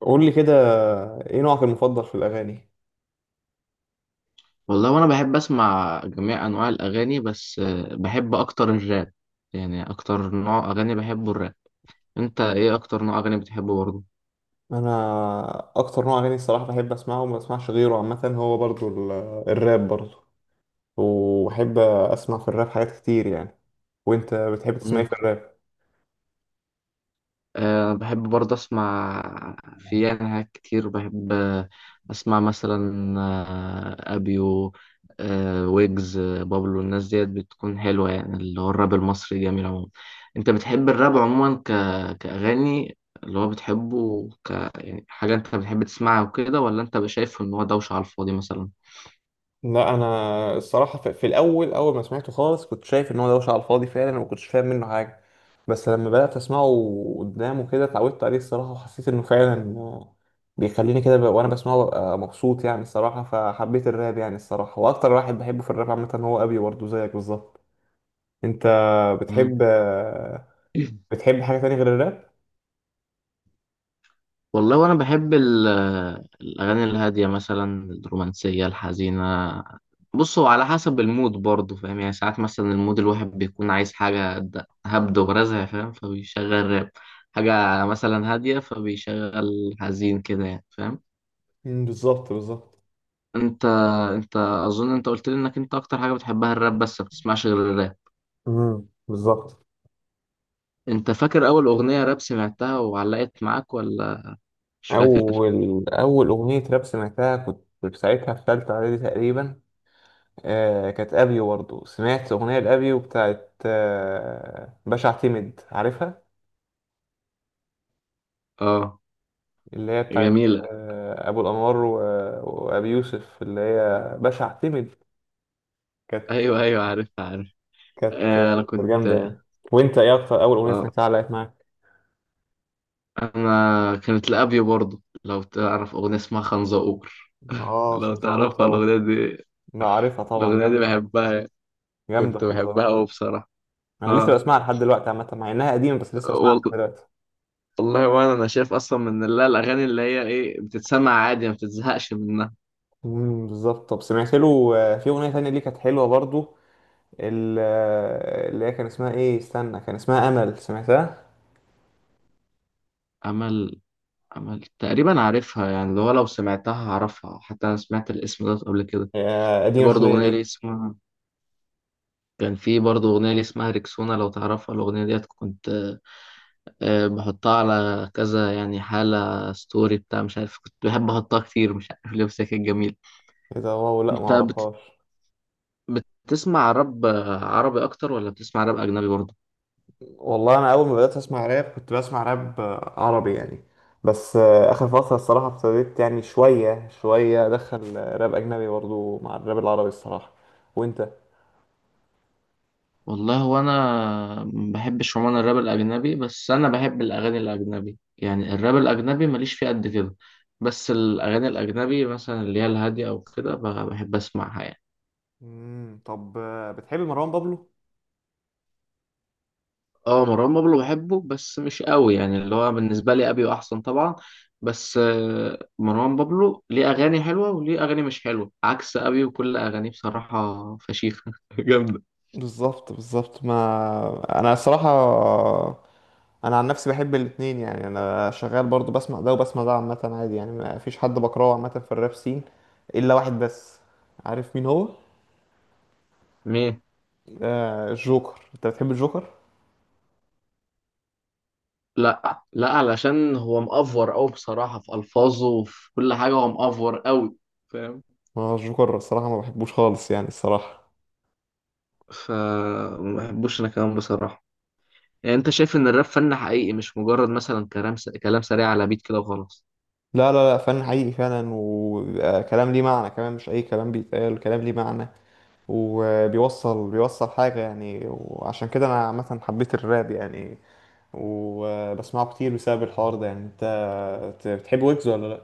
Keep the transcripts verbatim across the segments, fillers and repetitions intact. قول لي كده، ايه نوعك المفضل في الاغاني؟ والله وانا بحب اسمع جميع انواع الاغاني بس آه، بحب اكتر الراب. يعني اكتر نوع اغاني بحبه الراب. انت ايه اكتر نوع اغاني بتحبه برضه؟ انا اكتر نوع اغاني الصراحه بحب اسمعه وما بسمعش غيره، عامه هو برضو ال- الراب برضو. وبحب اسمع في الراب حاجات كتير يعني. وانت بتحب تسمع ايه في الراب؟ أه بحب برضه أسمع في يعني حاجات كتير بحب آه، أسمع مثلا آه، أبيو أه ويجز آه، بابلو. الناس ديت بتكون حلوة يعني اللي هو الراب المصري جميل عموما. أنت بتحب الراب عموما ك... كأغاني اللي هو بتحبه ك يعني حاجة أنت بتحب تسمعها وكده، ولا أنت شايف إن هو دوشة على الفاضي مثلا؟ لا، انا الصراحه في في الاول، اول ما سمعته خالص كنت شايف ان هو دوشه على الفاضي فعلا، وما كنتش فاهم منه حاجه. بس لما بدات اسمعه قدامه كده اتعودت عليه الصراحه، وحسيت انه فعلا آه، بيخليني كده بقى- وانا بسمعه ببقى مبسوط يعني الصراحه. فحبيت الراب يعني الصراحه، واكتر واحد بحبه في الراب عامه هو ابي برضه زيك بالظبط. انت مم. بتحب آه، بتحب حاجه تانية غير الراب؟ والله وانا بحب ال- الاغاني الهاديه مثلا، الرومانسيه، الحزينه. بص هو على حسب المود برضه فاهم، يعني ساعات مثلا المود الواحد بيكون عايز حاجه د- هبد ورزع فاهم فبيشغل راب، حاجه مثلا هاديه فبيشغل حزين كده يعني فاهم. مم، بالظبط بالظبط. انت انت اظن انت قلت لي انك انت اكتر حاجه بتحبها الراب بس ما بتسمعش غير الراب. امم بالظبط. انت فاكر اول اغنيه راب سمعتها وعلقت معاك ولا مش فاكر؟ اول اول اغنيه راب سمعتها كنت كنت ساعتها في ثالثه اعدادي تقريبا. آه، كانت ابيو برضه، سمعت اغنيه لابيو بتاعت آه باشا اعتمد، عارفها؟ اه، اللي هي بتاعت جميله. آه، ابو الانوار و- وابي يوسف، اللي هي باشا اعتمد. كانت ايوه ايوه، عارف عارف. كانت كانت آه، انا كنت. جامده يعني. وانت ايه اكتر اول اغنيه اه سمعتها علقت معاك؟ انا كانت لابيو برضه، لو تعرف اغنيه اسمها خنزقور، اه، لو خمسة عروس تعرفها طبعا. الاغنيه دي لا، عارفها طبعا، الاغنيه دي جامده. بحبها يعني. جامده كنت خمسة بحبها عروس. قوي بصراحه. انا لسه اه. بسمعها لحد دلوقتي عامه، مع انها قديمه بس لسه بسمعها لحد وال- دلوقتي. والله وانا انا شايف اصلا من اللي الاغاني اللي هي ايه بتتسمع عادي ما بتتزهقش منها. امم بالظبط. طب سمعت له آه، في اغنيه تانية ليه كانت حلوه برضو، ال- اللي هي كان اسمها ايه، استنى، كان اسمها امل، سمعتها؟ امل. امل تقريبا عارفها، يعني اللي هو لو سمعتها هعرفها، حتى انا سمعت الاسم ده قبل كده. هي في قديمه برضه شويه اغنيه لي دي. اسمها كان في برضه اغنيه لي اسمها ريكسونا، لو تعرفها الاغنيه ديت، كنت آه، بحطها على كذا يعني حالة ستوري بتاع مش عارف، كنت بحب أحطها كتير مش عارف ليه، بس هي كانت جميلة. ايه ده! واو، لا ما أنت بت... اعرفهاش. بتسمع راب آه، عربي أكتر ولا بتسمع راب أجنبي برضه؟ والله انا اول ما بدات اسمع راب كنت بسمع راب آه، عربي يعني. بس آه، اخر فتره الصراحه ابتديت يعني شويه شويه ادخل آه، راب اجنبي برضو مع الراب العربي الصراحه. وانت؟ والله هو أنا ما بحبش عموما الراب الأجنبي، بس أنا بحب الأغاني الأجنبي، يعني الراب الأجنبي ماليش فيه قد كده. بس الأغاني الأجنبي مثلا اللي هي الهادية أو كده ب- بحب أسمعها يعني. امم طب آه، بتحب مروان بابلو؟ اه، مروان بابلو بحبه بس مش قوي، يعني اللي هو بالنسبة لي أبيو أحسن طبعا. بس آه، مروان بابلو ليه أغاني حلوة وليه أغاني مش حلوة، عكس أبيو كل أغانيه بصراحة فشيخة جامدة. بالظبط بالظبط. ما انا الصراحه انا عن نفسي بحب الاتنين يعني، انا شغال برضو بسمع ده وبسمع ده عامه عادي يعني، ما فيش حد بكرهه عامه في الراب سين. الا واحد بس. عارف مين هو؟ ليه؟ آه، الجوكر. انت بتحب الجوكر؟ لا لا، علشان هو مأفور أوي بصراحة في ألفاظه وفي كل حاجة، هو مأفور أوي فاهم. ما الجوكر الصراحه ما بحبوش خالص يعني الصراحه. فما بحبوش أنا كمان بصراحة يعني. أنت شايف إن الراب فن حقيقي مش مجرد مثلا كلام س... كلام سريع على بيت كده وخلاص؟ لا لا لا، فن حقيقي فعلا، وبيبقى كلام ليه معنى كمان، مش اي كلام بيتقال، كلام ليه معنى. وبيوصل بيوصل حاجه يعني، وعشان كده انا عامه حبيت الراب يعني. وبسمعه كتير بسبب الحوار ده يعني. انت بتحب ويجز ولا لا؟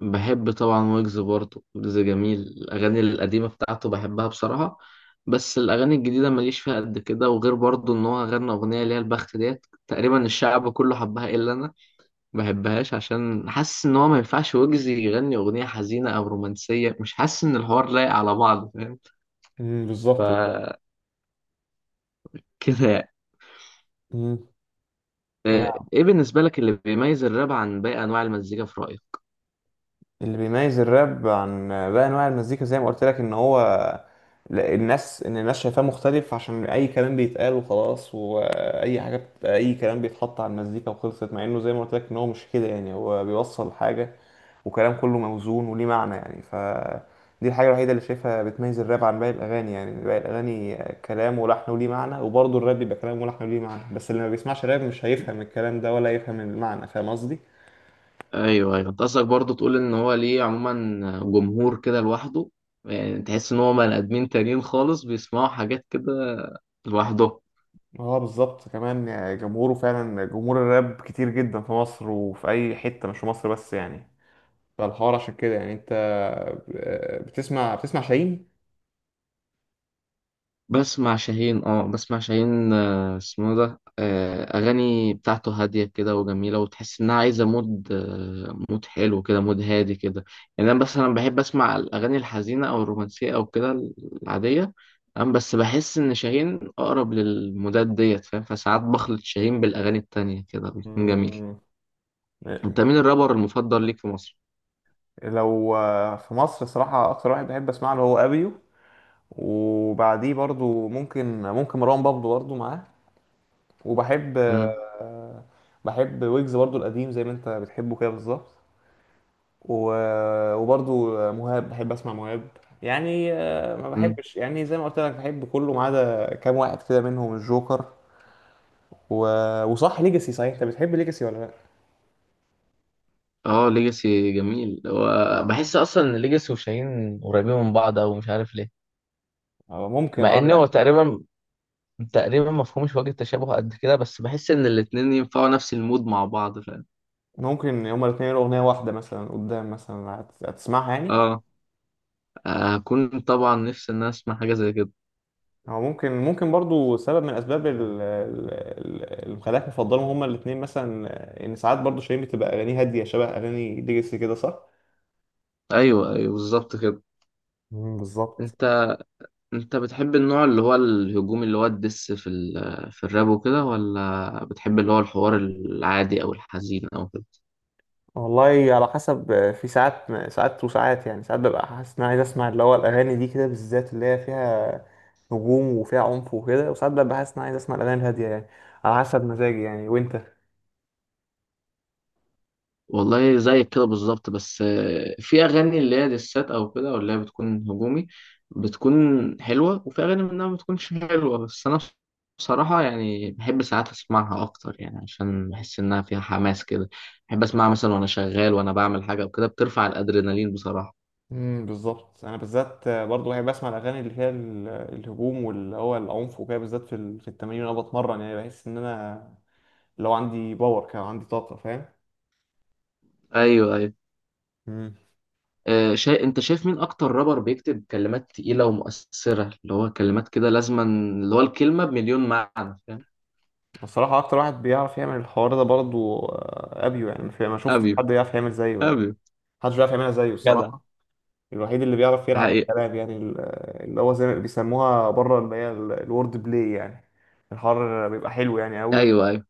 بحب طبعا ويجز برضه، ويجز جميل، الأغاني القديمة بتاعته بحبها بصراحة. بس الأغاني الجديدة ماليش فيها قد كده، وغير برضه إن هو غنى أغنية اللي هي البخت ديت تقريبا الشعب كله حبها إلا أنا. ما بحبهاش عشان حاسس إن هو ما ينفعش ويجز يغني أغنية حزينة أو رومانسية، مش حاسس إن الحوار لايق على بعض فاهم. امم بالظبط. فكده يعني. مم. انا، آه، إيه بالنسبة لك اللي بيميز الراب عن باقي أنواع المزيكا في رأيك؟ اللي بيميز الراب عن باقي انواع المزيكا زي ما قلت لك ان هو لا- الناس، ان الناس شايفاه مختلف عشان اي كلام بيتقال وخلاص، واي حاجه بت- اي كلام بيتحط على المزيكا وخلصت، مع انه زي ما قلت لك ان هو مش كده يعني، هو بيوصل حاجه. وكلام كله موزون وليه معنى يعني ف دي الحاجه الوحيده اللي شايفها بتميز الراب عن باقي الاغاني يعني. باقي الاغاني كلام ولحن وليه معنى، وبرضه الراب بيبقى كلام ولحن وليه معنى، بس اللي ما بيسمعش راب مش هيفهم الكلام ده ولا يفهم المعنى، فاهم قصدي؟ ايوه ايوه، انت قصدك برضه تقول ان هو ليه عموما جمهور كده لوحده، يعني تحس ان هو بني ادمين تانيين خالص بيسمعوا حاجات كده لوحده. اه بالظبط كمان يعني، جمهوره فعلا جمهور الراب كتير جدا في مصر وفي اي حتة، مش في مصر بس يعني. فالحوار عشان كده يعني. انت آه، بتسمع بتسمع شاهين؟ بسمع شاهين اه بسمع شاهين آه، اسمه ده آه، اغاني بتاعته هاديه كده وجميله، وتحس انها عايزه مود آه، مود حلو كده، مود هادي كده يعني. انا مثلا بحب اسمع الاغاني الحزينه او الرومانسيه او كده العاديه. أم بس بحس ان شاهين اقرب للمودات ديت فاهم، فساعات بخلط شاهين بالاغاني التانية كده بيكون جميل. مم. انت مين الرابر المفضل ليك في مصر؟ لو آه، في مصر الصراحة اكتر واحد بحب اسمع له هو ابيو. وبعديه برضو ممكن ممكن مروان بابلو برضو معاه. وبحب امم. آه، بحب ويجز برضو القديم زي ما انت بتحبه كده بالظبط. و- وبرضو مهاب، بحب اسمع مهاب يعني. آه، ما امم. بحبش يعني، زي ما قلت لك بحب كله ما عدا كام واحد كده منهم الجوكر و... وصح، ليجاسي، صحيح انت بتحب ليجاسي ولا لا؟ اه، ليجاسي جميل هو. بحس اصلا ان ليجاسي وشاهين قريبين من بعض، او مش عارف ليه. آه، ممكن مع اه ان هو يعني. تقريبا تقريبا مفهومش وجه التشابه قد كده، بس بحس ان الاتنين ينفعوا نفس المود مع بعض فاهم. ممكن هما الاثنين يقولوا اغنيه واحده مثلا قدام، مثلا هت- هتسمعها يعني. اه، هكون طبعا نفسي ان انا اسمع حاجه زي كده. هو ممكن ممكن برضو سبب من الاسباب ال- ال- ال- اللي مخليك مفضلهم هما الاثنين مثلا. آه، ان ساعات برضو شيرين بتبقى اغانيه هاديه شبه اغاني ليجاسي كده، صح؟ ايوه ايوه بالظبط كده. مم، بالظبط. انت انت بتحب النوع اللي هو الهجومي، اللي هو الدس في ال... في الراب وكده، ولا بتحب اللي هو الحوار العادي او الحزين او كده؟ والله على حسب، في ساعات ساعات وساعات يعني، ساعات ببقى حاسس ان انا عايز اسمع اللي هو الاغاني دي كده، بالذات اللي هي فيها هجوم وفيها عنف وكده. وساعات ببقى حاسس ان انا عايز اسمع الاغاني الهاديه يعني، على حسب مزاجي يعني. وانت؟ والله زيك كده بالظبط، بس آه، في اغاني اللي هي ديسات او كده ولا هي بتكون هجومي بتكون حلوه، وفي اغاني منها ما بتكونش حلوه، بس انا بصراحه يعني بحب ساعات اسمعها اكتر، يعني عشان بحس انها فيها حماس كده. بحب اسمعها مثلا وانا شغال، وانا بعمل حاجه وكده، بترفع الادرينالين بصراحه. امم بالظبط. انا بالذات برضه بحب اسمع الاغاني اللي فيها ال- الهجوم واللي هو العنف وكده، بالذات في ال- في التمارين، وانا بتمرن يعني بحس ان انا لو عندي باور كده، عندي طاقه، فاهم. ايوه ايوه. مم. آه، شا... انت شايف مين اكتر رابر بيكتب كلمات تقيله ومؤثره، اللي هو كلمات كده لازما، اللي هو الكلمه بمليون معنى فاهم؟ الصراحه اكتر واحد بيعرف يعمل الحوار ده برضه آه، ابيو يعني. ما في- ما شفتش ابيو حد يعرف يعمل زيه يعني. ابيو محدش بيعرف يعملها زيه جدع الصراحة. الوحيد اللي بيعرف يلعب حقيقة. بالكلام يعني ال- اللي هو زي ما بيسموها بره اللي هي ال- الورد بلاي يعني. الحوار بيبقى حلو يعني قوي. أيوه.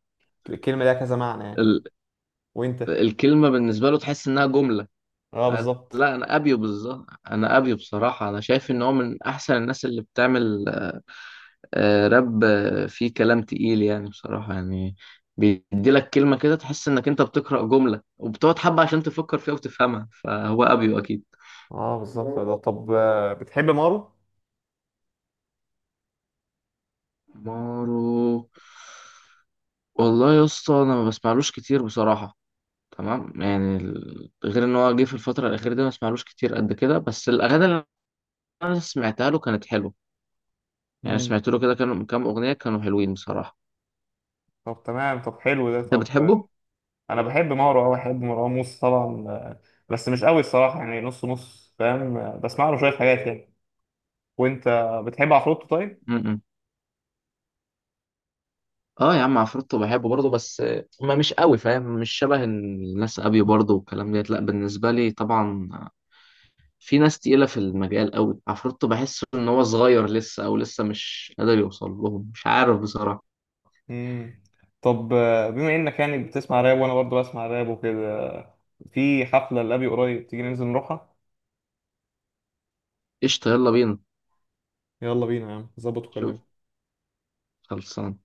الكلمة ليها كذا معنى يعني. ال... وانت؟ الكلمة بالنسبة له تحس إنها جملة. اه أنا- بالظبط. لا أنا أبيو بالظبط. أنا أبيو بصراحة، أنا شايف إن هو من أحسن الناس اللي بتعمل آه، راب آه، فيه كلام تقيل يعني، بصراحة يعني بيدي لك كلمة كده تحس إنك أنت بتقرأ جملة وبتقعد حبة عشان تفكر فيها وتفهمها، فهو أبيو أكيد. اه بالظبط ده طب آه، بتحب مارو؟ مارو. والله يا اسطى أنا ما بسمعلوش كتير بصراحة. تمام يعني، ال- غير إن هو جه في الفترة الأخيرة دي ما بسمعلوش كتير قد كده، بس الأغاني اللي أنا سمعتها له كانت حلوة. يعني مم. سمعت له كده كانوا كام اغنيه كانوا حلوين بصراحه. طب تمام، طب حلو ده. انت طب آه، بتحبه؟ انا بحب مارو، اه بحب مروان موسى طبعا آه، بس مش قوي الصراحة يعني، نص نص، فاهم. آه، بسمع له شوية حاجات يعني. وانت بتحب عفروتو طيب؟ م-م. اه يا عم عفروتو بحبه برضه، بس آه، ما مش قوي فاهم، مش شبه الناس ابيو برضه والكلام ديت، لا بالنسبه لي طبعا، آه، في ناس تقيله في المجال قوي، عفروتو بحس ان هو صغير لسه او لسه مش قادر يوصل لهم مش عارف بصراحه. مم. طب آه، بما انك يعني بتسمع راب وانا برضه بسمع راب وكده، في حفلة لأبي قريب، تيجي ننزل نروحها؟ قشطه يلا بينا. يلا بينا يا عم، ظبط شوف، وكلمني. خلصان.